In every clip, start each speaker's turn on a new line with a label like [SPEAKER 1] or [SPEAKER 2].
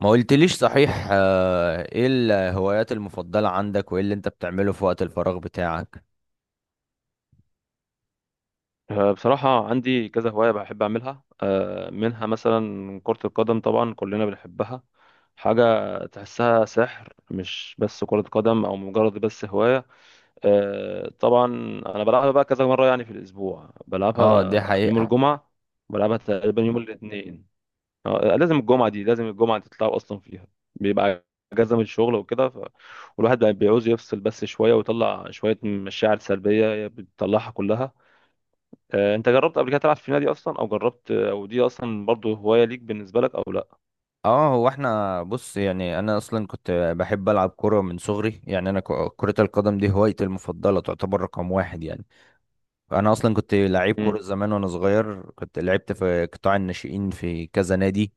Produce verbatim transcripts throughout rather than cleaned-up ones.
[SPEAKER 1] ما قلتليش صحيح. آه، ايه الهوايات المفضلة عندك وايه اللي انت بتعمله في وقت الفراغ بتاعك؟
[SPEAKER 2] آه، بصراحة عندي كذا هواية بحب أعملها، آه، منها مثلا كرة القدم، طبعا كلنا بنحبها. حاجة تحسها سحر، مش بس كرة قدم أو مجرد بس هواية. آه، طبعا. أنا بلعبها بقى كذا مرة، يعني في الأسبوع
[SPEAKER 1] اه، دي
[SPEAKER 2] بلعبها يوم
[SPEAKER 1] حقيقة.
[SPEAKER 2] الجمعة. بلعبها تقريبا يوم الاثنين. آه، لازم الجمعة دي، لازم الجمعة تتلعب أصلا فيها. بيبقى أجازة من الشغل وكده ف... والواحد بقى بيعوز يفصل بس شوية، ويطلع شوية مشاعر سلبية بتطلعها كلها. آه، انت جربت قبل كده تلعب في نادي اصلا، او جربت، آه، او دي اصلا برضو هواية ليك بالنسبة لك او لا؟
[SPEAKER 1] اه، هو احنا بص. يعني انا اصلا كنت بحب العب كورة من صغري. يعني انا ك- كرة القدم دي هوايتي المفضلة، تعتبر رقم واحد يعني. انا اصلا كنت لعيب كوره
[SPEAKER 2] امم.
[SPEAKER 1] زمان وانا صغير، كنت لعبت في قطاع الناشئين في كذا نادي،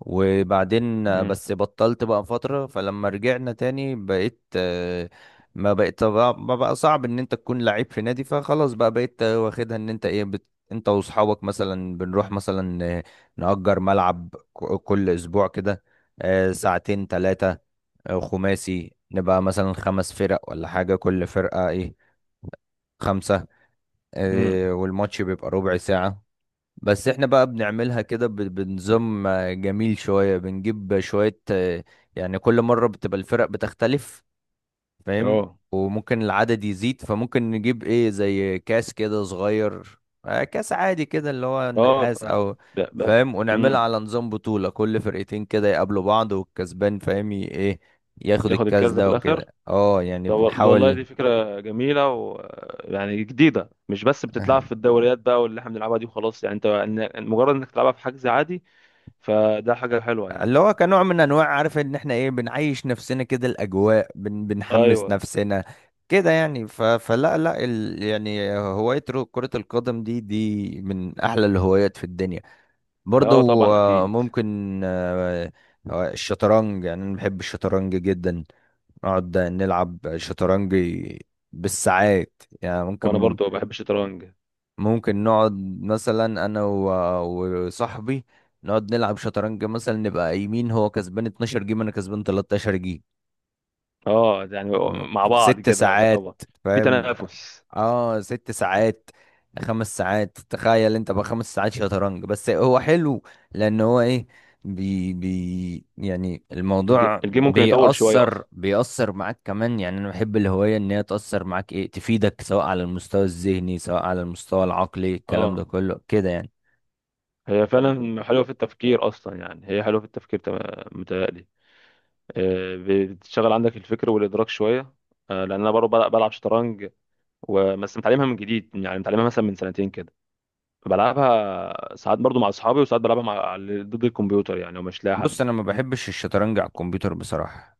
[SPEAKER 1] وبعدين
[SPEAKER 2] امم.
[SPEAKER 1] بس بطلت بقى فتره. فلما رجعنا تاني بقيت، آه، ما بقيت ما بقى صعب ان انت تكون لعيب في نادي، فخلاص بقى بقيت واخدها ان انت ايه بت... انت واصحابك مثلا بنروح مثلا، آه، نأجر ملعب ك- كل اسبوع كده، آه، ساعتين ثلاثه خماسي. نبقى مثلا خمس فرق ولا حاجه، كل فرقه ايه خمسه.
[SPEAKER 2] امم.
[SPEAKER 1] آه، والماتش بيبقى ربع ساعة. بس احنا بقى بنعملها كده ب- بنظام آه، جميل شوية. بنجيب شوية آه، يعني كل مرة بتبقى الفرق بتختلف، فاهم.
[SPEAKER 2] اه.
[SPEAKER 1] وممكن العدد يزيد، فممكن نجيب ايه زي كاس كده صغير، آه، كاس عادي كده اللي هو
[SPEAKER 2] اه. ف
[SPEAKER 1] النحاس او
[SPEAKER 2] ب- ب-
[SPEAKER 1] فاهم، ونعملها
[SPEAKER 2] امم.
[SPEAKER 1] على نظام بطولة، كل فرقتين كده يقابلوا بعض والكسبان فاهم ي- ايه ياخد
[SPEAKER 2] ياخد
[SPEAKER 1] الكاس
[SPEAKER 2] الكاس ده في
[SPEAKER 1] ده
[SPEAKER 2] الاخر.
[SPEAKER 1] وكده. اه يعني
[SPEAKER 2] ده وال- والله
[SPEAKER 1] بنحاول.
[SPEAKER 2] دي فكرة جميلة و يعني جديدة، مش بس بتتلعب في الدوريات بقى واللي احنا بنلعبها دي وخلاص، يعني انت، إن- مجرد انك تلعبها في حجز عادي، فده حاجة حلوة، يعني.
[SPEAKER 1] اللي هو كنوع من انواع، عارف ان احنا ايه بنعيش نفسنا كده الاجواء، بن بنحمس
[SPEAKER 2] ايوه.
[SPEAKER 1] نفسنا كده يعني. ف... فلا لا ال... يعني هواية رو- كرة القدم دي دي من احلى الهوايات في الدنيا
[SPEAKER 2] اه،
[SPEAKER 1] برضو.
[SPEAKER 2] طبعا،
[SPEAKER 1] آه،
[SPEAKER 2] اكيد.
[SPEAKER 1] ممكن آه، آه، الشطرنج، يعني انا بحب الشطرنج جدا. نقعد نلعب شطرنج بالساعات، يعني
[SPEAKER 2] وانا
[SPEAKER 1] ممكن
[SPEAKER 2] برضو بحب الشطرنج.
[SPEAKER 1] ممكن نقعد مثلا، انا و- وصاحبي، نقعد نلعب شطرنج. مثلا نبقى قايمين، هو كسبان اتناشر جيم انا كسبان تلتاشر جيم
[SPEAKER 2] اه، يعني مع بعض
[SPEAKER 1] ست
[SPEAKER 2] كده
[SPEAKER 1] ساعات،
[SPEAKER 2] يعتبر في
[SPEAKER 1] فاهم.
[SPEAKER 2] تنافس.
[SPEAKER 1] اه ست ساعات، خمس ساعات. تخيل انت بقى خمس ساعات شطرنج. بس هو حلو لان هو ايه بي بي يعني
[SPEAKER 2] الج-
[SPEAKER 1] الموضوع
[SPEAKER 2] الجيم ممكن يطول شوية
[SPEAKER 1] بيأثر
[SPEAKER 2] أصلا.
[SPEAKER 1] بيأثر معاك كمان. يعني انا بحب الهواية ان هي تأثر معاك ايه تفيدك، سواء على المستوى الذهني سواء على المستوى العقلي، الكلام ده
[SPEAKER 2] اه،
[SPEAKER 1] كله كده يعني.
[SPEAKER 2] هي فعلا حلوة في التفكير أصلا، يعني هي حلوة في التفكير، تم- متهيألي. آه، بتشغل عندك الفكر والإدراك شوية. آه، لأن أنا برضه بلعب بلعب شطرنج. وبس متعلمها من جديد، يعني متعلمها مثلا من سنتين كده. بلعبها ساعات برضه مع أصحابي، وساعات بلعبها مع على- ضد الكمبيوتر، يعني ومش لاقي
[SPEAKER 1] بص،
[SPEAKER 2] حد.
[SPEAKER 1] انا ما بحبش الشطرنج على الكمبيوتر بصراحه.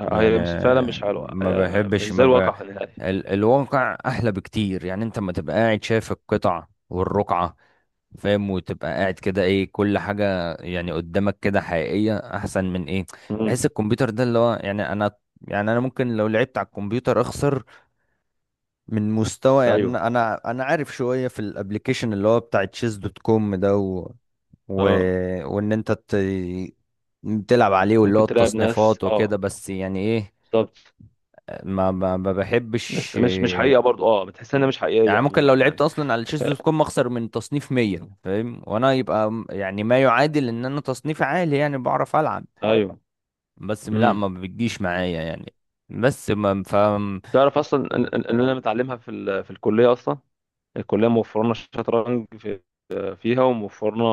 [SPEAKER 2] آه،
[SPEAKER 1] يعني
[SPEAKER 2] هي مش فعلا مش حلوة،
[SPEAKER 1] ما
[SPEAKER 2] آه، مش
[SPEAKER 1] بحبش
[SPEAKER 2] زي
[SPEAKER 1] ما ب...
[SPEAKER 2] الواقع نهائي.
[SPEAKER 1] ال... الواقع احلى بكتير. يعني انت ما تبقى قاعد شايف القطع والرقعه، فاهم، وتبقى قاعد كده ايه، كل حاجه يعني قدامك كده حقيقيه، احسن من ايه
[SPEAKER 2] امم.
[SPEAKER 1] بحس. الكمبيوتر ده اللي هو يعني انا، يعني انا ممكن لو لعبت على الكمبيوتر اخسر من مستوى. يعني
[SPEAKER 2] أيوه.
[SPEAKER 1] انا انا أنا عارف شويه في الابليكيشن اللي هو بتاع تشيز دوت كوم ده. و...
[SPEAKER 2] اه،
[SPEAKER 1] وان انت ت... تلعب عليه، واللي هو
[SPEAKER 2] ممكن تلاعب ناس،
[SPEAKER 1] التصنيفات
[SPEAKER 2] اه.
[SPEAKER 1] وكده، بس يعني ايه.
[SPEAKER 2] بالظبط.
[SPEAKER 1] ما ما ما
[SPEAKER 2] بس
[SPEAKER 1] بحبش،
[SPEAKER 2] مش مش حقيقة برضه، اه، بتحس إنها مش حقيقية
[SPEAKER 1] يعني ممكن
[SPEAKER 2] عموما،
[SPEAKER 1] لو لعبت
[SPEAKER 2] يعني.
[SPEAKER 1] اصلا على تشيز دوت كوم اخسر من تصنيف مية، فاهم. وانا يبقى م- يعني ما يعادل ان انا تصنيفي عالي، يعني بعرف العب
[SPEAKER 2] ايوه.
[SPEAKER 1] بس لا،
[SPEAKER 2] امم.
[SPEAKER 1] ما بتجيش معايا يعني. بس ما فاهم.
[SPEAKER 2] تعرف اصلا ان إن- إن انا متعلمها في ال... في الكليه اصلا. الكليه موفره لنا الشطرنج في... فيها، وموفرنا،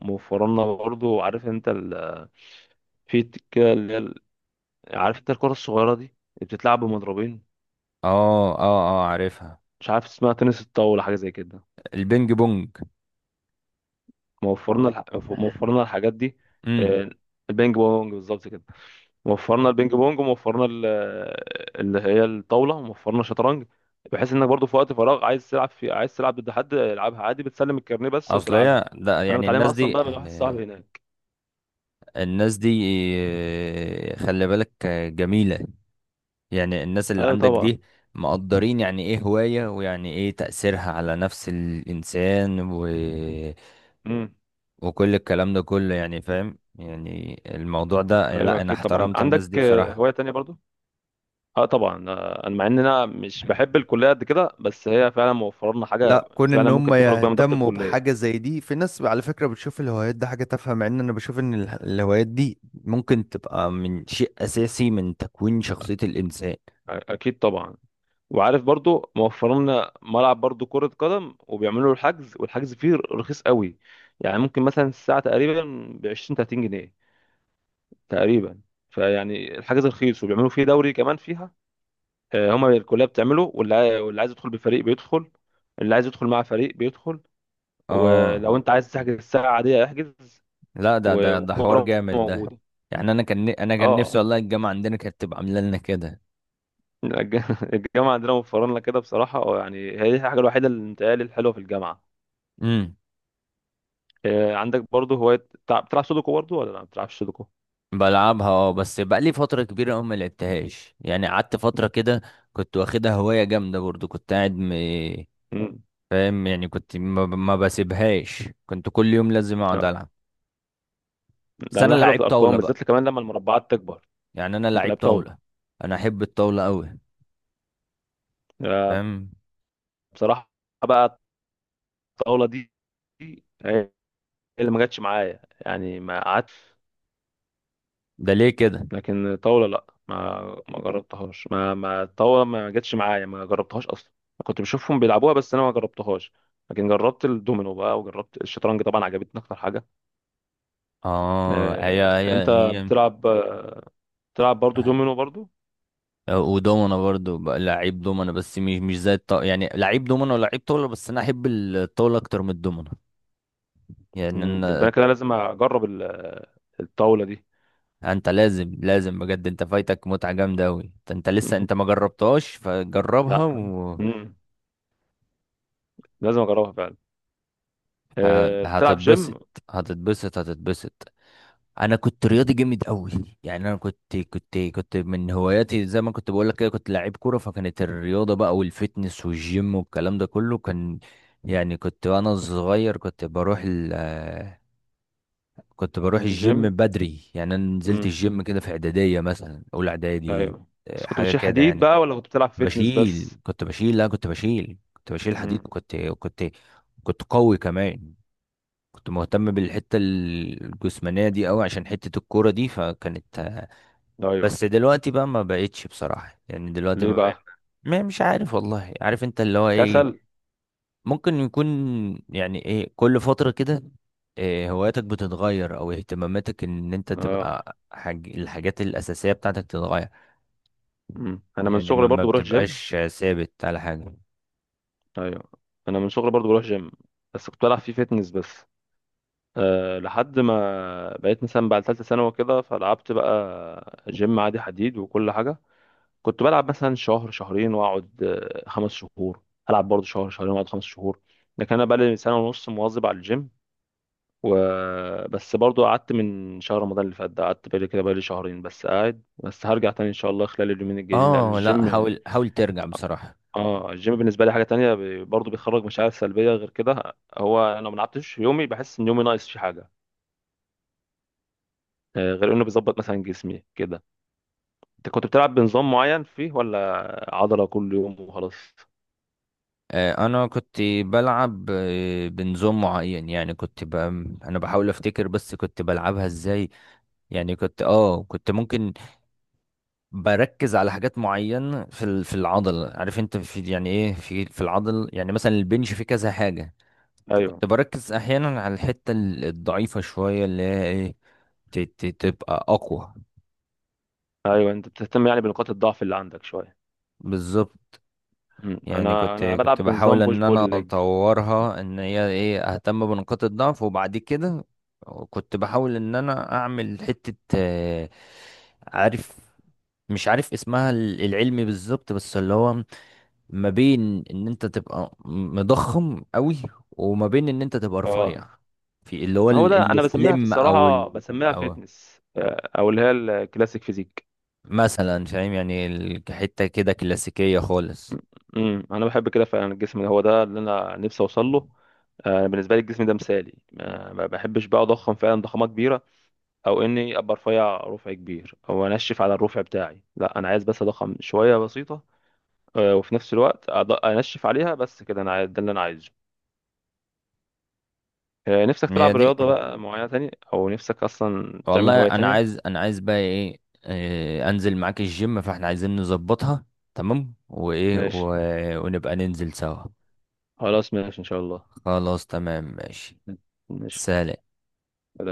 [SPEAKER 2] موفر لنا برضه، عارف انت ال... في ت- كده اللي هي ال- عارف انت الكره الصغيره دي اللي بتتلعب بمضربين،
[SPEAKER 1] اه اه اه، عارفها.
[SPEAKER 2] مش عارف اسمها، تنس الطاوله حاجه زي كده.
[SPEAKER 1] البينج بونج.
[SPEAKER 2] موفرنا الح... موفرنا الحاجات دي.
[SPEAKER 1] امم
[SPEAKER 2] آه، البينج بونج بالظبط كده. وفرنا البينج بونج، وموفرنا ال- اللي هي الطاوله، وموفرنا الشطرنج. بحيث انك برضو في وقت فراغ، عايز تلعب في عايز تلعب ضد حد، العبها عادي، بتسلم الكارنيه بس
[SPEAKER 1] اصل
[SPEAKER 2] وتلعبها.
[SPEAKER 1] هي لا،
[SPEAKER 2] انا
[SPEAKER 1] يعني
[SPEAKER 2] متعلمها
[SPEAKER 1] الناس
[SPEAKER 2] اصلا
[SPEAKER 1] دي
[SPEAKER 2] بقى من واحد صاحبي هناك.
[SPEAKER 1] الناس دي خلي بالك جميلة. يعني الناس اللي
[SPEAKER 2] ايوه،
[SPEAKER 1] عندك
[SPEAKER 2] طبعا.
[SPEAKER 1] دي مقدرين، يعني ايه هواية، ويعني ايه تأثيرها على نفس الإنسان، و...
[SPEAKER 2] امم.
[SPEAKER 1] وكل الكلام ده كله يعني، فاهم. يعني الموضوع ده،
[SPEAKER 2] ايوه،
[SPEAKER 1] لا انا
[SPEAKER 2] اكيد، طبعا.
[SPEAKER 1] احترمت الناس دي
[SPEAKER 2] عندك آه،
[SPEAKER 1] بصراحة.
[SPEAKER 2] هوايه تانية برضو؟ اه، طبعا. آه، انا مع ان انا مش بحب الكليه قد كده، بس هي فعلا موفر لنا حاجه.
[SPEAKER 1] لا، كون ان
[SPEAKER 2] فعلا،
[SPEAKER 1] هم
[SPEAKER 2] ممكن تخرج بيها من ضغط
[SPEAKER 1] يهتموا
[SPEAKER 2] الكليه.
[SPEAKER 1] بحاجة زي دي، في ناس على فكرة بتشوف الهوايات دي حاجة تافهة، مع ان انا بشوف ان اله- الهوايات دي ممكن تبقى من شيء اساسي من تكوين شخصية الانسان.
[SPEAKER 2] أ- اكيد طبعا. وعارف برضو، موفرين لنا ملعب برضو كرة قدم، وبيعملوا الحجز، والحجز فيه رخيص قوي. يعني ممكن مثلا الساعة تقريبا ب عشرين ثلاثين جنيه تقريبا. فيعني الحجز رخيص، وبيعملوا فيه دوري كمان فيها. آه، هما الكلية بتعمله، واللي عاي- واللي عايز يدخل بفريق بيدخل. اللي عايز يدخل مع فريق بيدخل.
[SPEAKER 1] اه
[SPEAKER 2] ولو انت عايز تحجز الساعة عادية احجز.
[SPEAKER 1] لا، ده
[SPEAKER 2] و-
[SPEAKER 1] ده ده حوار
[SPEAKER 2] والكورة
[SPEAKER 1] جامد ده.
[SPEAKER 2] موجودة.
[SPEAKER 1] يعني انا كان انا كان نفسي
[SPEAKER 2] اه.
[SPEAKER 1] والله الجامعه عندنا كانت تبقى عامله لنا كده.
[SPEAKER 2] الج- الجامعة عندنا موفرين لنا كده بصراحة، آه، يعني هي دي الحاجة الوحيدة اللي متهيألي الحلوة في الجامعة.
[SPEAKER 1] امم
[SPEAKER 2] آه، عندك برضه هواية بتلع- بتلعب سودوكو برضه، ولا لا ما بتلعبش سودوكو؟
[SPEAKER 1] بلعبها اه. بس بقى لي فتره كبيره قوي ما لعبتهاش. يعني قعدت فتره كده كنت واخدها هوايه جامده برضو، كنت قاعد م...
[SPEAKER 2] امم.
[SPEAKER 1] فاهم. يعني كنت ما, ب- ما بسيبهاش، كنت كل يوم لازم اقعد
[SPEAKER 2] آه،
[SPEAKER 1] العب. بس انا
[SPEAKER 2] لأنها حلوة في
[SPEAKER 1] لعيب طاوله
[SPEAKER 2] الأرقام بالذات،
[SPEAKER 1] بقى.
[SPEAKER 2] كمان لما المربعات تكبر.
[SPEAKER 1] يعني انا
[SPEAKER 2] أنت
[SPEAKER 1] لعيب
[SPEAKER 2] لعبت طاولة؟
[SPEAKER 1] طاوله، انا احب الطاوله قوي،
[SPEAKER 2] آه،
[SPEAKER 1] فاهم.
[SPEAKER 2] بصراحة بقى، الطاولة دي دي هي اللي ما جاتش معايا، يعني ما قعدت.
[SPEAKER 1] ده ليه كده.
[SPEAKER 2] لكن طاولة، لا، ما ما جربتهاش. ما ما الطاولة ما جاتش معايا، ما جربتهاش أصلا. كنت بشوفهم بيلعبوها بس أنا ما جربتهاش. لكن جربت الدومينو بقى، وجربت الشطرنج طبعا، عجبتني أكتر حاجة.
[SPEAKER 1] اه، هي
[SPEAKER 2] آه، أنت
[SPEAKER 1] هي
[SPEAKER 2] بتلعب بتلعب برضه
[SPEAKER 1] هي.
[SPEAKER 2] دومينو برضه؟
[SPEAKER 1] ودومنا برضو بقى لعيب دومنا بس مش مش زي الط... يعني لعيب دومنا ولعيب طاولة، بس انا احب الطاولة اكتر من الدومنا. يعني ان
[SPEAKER 2] مم. يبقى انا كده لازم اجرب ال- الطاوله دي.
[SPEAKER 1] انت لازم، لازم بجد انت فايتك متعة جامدة اوي. انت أنت لسه انت ما جربتهاش، فجربها
[SPEAKER 2] لا.
[SPEAKER 1] و...
[SPEAKER 2] مم. لازم اجربها فعلا.
[SPEAKER 1] ه-
[SPEAKER 2] أه. بتلعب جيم؟
[SPEAKER 1] هتتبسط. هتتبسط هتتبسط. انا كنت رياضي جامد قوي. يعني انا كنت كنت كنت من هواياتي زي ما كنت بقول لك كده، كنت لعيب كوره، فكانت الرياضه بقى والفتنس والجيم والكلام ده كله كان. يعني كنت وانا صغير كنت بروح ال آه، كنت بروح الجيم
[SPEAKER 2] الجيم.
[SPEAKER 1] بدري. يعني انا نزلت
[SPEAKER 2] مم.
[SPEAKER 1] الجيم كده في اعداديه، مثلا اولى اعدادي
[SPEAKER 2] ايوه. بس
[SPEAKER 1] آه،
[SPEAKER 2] كنت
[SPEAKER 1] حاجه
[SPEAKER 2] بتشيل
[SPEAKER 1] كده
[SPEAKER 2] حديد
[SPEAKER 1] يعني.
[SPEAKER 2] بقى، ولا كنت بتلعب فيتنس
[SPEAKER 1] بشيل
[SPEAKER 2] بس؟
[SPEAKER 1] كنت بشيل لا كنت بشيل كنت بشيل حديد.
[SPEAKER 2] مم.
[SPEAKER 1] كنت كنت كنت قوي كمان. كنت مهتم بالحته الجسمانيه دي قوي عشان حته الكوره دي، فكانت.
[SPEAKER 2] ايوه.
[SPEAKER 1] بس دلوقتي بقى ما بقتش بصراحة، يعني دلوقتي
[SPEAKER 2] ليه
[SPEAKER 1] ما بقى.
[SPEAKER 2] بقى؟
[SPEAKER 1] ما- مش عارف والله، عارف انت اللي هو ايه،
[SPEAKER 2] كسل؟
[SPEAKER 1] ممكن يكون. يعني ايه كل فترة كده إيه هواياتك بتتغير او اهتماماتك، ان انت
[SPEAKER 2] اه.
[SPEAKER 1] تبقى حاج... الحاجات الاساسية بتاعتك تتغير.
[SPEAKER 2] مم. انا من
[SPEAKER 1] يعني ما,
[SPEAKER 2] صغري
[SPEAKER 1] ما
[SPEAKER 2] برضو بروح جيم.
[SPEAKER 1] بتبقاش ثابت على حاجة.
[SPEAKER 2] ايوه. انا من صغري برضو بروح جيم. بس كنت بلعب فيه فيتنس بس. أه، لحد ما بقيت مثلا بعد ثالثه ثانوي كده، فلعبت بقى جيم عادي حديد وكل حاجه. كنت بلعب مثلا شهر شهرين، واقعد آه، خمس شهور. هلعب برضه شهر شهرين، واقعد خمس شهور. لكن انا بقالي سنه ونص مواظب على الجيم و... بس برضه قعدت من شهر رمضان اللي فات ده، قعدت بقالي كده، بقالي شهرين بس قاعد، بس هرجع تاني ان شاء الله خلال اليومين الجايين، لان
[SPEAKER 1] اه لا،
[SPEAKER 2] الجيم،
[SPEAKER 1] حاول حاول ترجع بصراحة.
[SPEAKER 2] اه، الجيم بالنسبه لي حاجه تانية، ب- برضه بيخرج مشاعر سلبيه غير كده. هو انا لو ما لعبتش يومي، بحس ان يومي ناقص في حاجه. آه، غير انه بيظبط مثلا جسمي كده. انت كنت بتلعب بنظام معين فيه، ولا عضله كل يوم وخلاص؟
[SPEAKER 1] آه، انا كنت بلعب آه، بنظام معين، يعني كنت ب... انا بحاول افتكر بس كنت بلعبها ازاي. يعني كنت اه كنت ممكن بركز على حاجات معينة في ال- في العضل. عارف انت في يعني ايه في في العضل، يعني مثلا البنش فيه كذا حاجة.
[SPEAKER 2] ايوه.
[SPEAKER 1] كنت بركز احيانا على الحتة ال- الضعيفة شوية، اللي هي ايه ت- ت- تبقى اقوى.
[SPEAKER 2] ايوه، انت بتهتم يعني بنقاط الضعف اللي عندك شويه.
[SPEAKER 1] بالظبط.
[SPEAKER 2] مم.
[SPEAKER 1] يعني
[SPEAKER 2] انا
[SPEAKER 1] كنت
[SPEAKER 2] انا
[SPEAKER 1] كنت
[SPEAKER 2] بلعب
[SPEAKER 1] بحاول
[SPEAKER 2] بنظام بوش
[SPEAKER 1] ان
[SPEAKER 2] بول
[SPEAKER 1] انا
[SPEAKER 2] ليج.
[SPEAKER 1] اطورها، ان هي ايه اهتم بنقاط الضعف. وبعد كده كنت بحاول ان انا اعمل حتة آه، عارف مش عارف اسمها ال- العلمي بالظبط، بس اللي هو ما بين ان انت تبقى مضخم قوي وما بين ان انت تبقى رفيع.
[SPEAKER 2] اه.
[SPEAKER 1] في اللي هو
[SPEAKER 2] ما هو ده
[SPEAKER 1] ال-
[SPEAKER 2] انا بسميها في
[SPEAKER 1] السليم او
[SPEAKER 2] الصراحه،
[SPEAKER 1] ال...
[SPEAKER 2] بسميها
[SPEAKER 1] او
[SPEAKER 2] فيتنس، آه، او اللي هي الكلاسيك فيزيك.
[SPEAKER 1] مثلا فاهم يعني ال- حته كده كلاسيكيه خالص.
[SPEAKER 2] امم. انا بحب كده فعلا، الجسم ده هو ده اللي انا نفسي اوصل له. آه، بالنسبه لي الجسم ده مثالي، ما ما بحبش بقى اضخم فعلا ضخامه كبيره. او اني ابقى رفيع رفع كبير، او انشف على الرفع بتاعي، لا انا عايز بس اضخم شويه بسيطه. آه، وفي نفس الوقت، أض- انشف عليها بس كده، انا عايز- ده اللي انا عايزه. آه، نفسك
[SPEAKER 1] هي
[SPEAKER 2] تلعب
[SPEAKER 1] دي.
[SPEAKER 2] رياضة بقى معينة تانية، أو نفسك أصلا تعمل
[SPEAKER 1] والله
[SPEAKER 2] هواية
[SPEAKER 1] انا
[SPEAKER 2] تانية؟
[SPEAKER 1] عايز انا عايز بقى ايه، آه، انزل معاك الجيم، فاحنا عايزين نظبطها تمام. وايه
[SPEAKER 2] ماشي.
[SPEAKER 1] و... ونبقى ننزل سوا.
[SPEAKER 2] خلاص، ماشي إن شاء الله.
[SPEAKER 1] خلاص تمام ماشي.
[SPEAKER 2] ماشي.
[SPEAKER 1] سلام.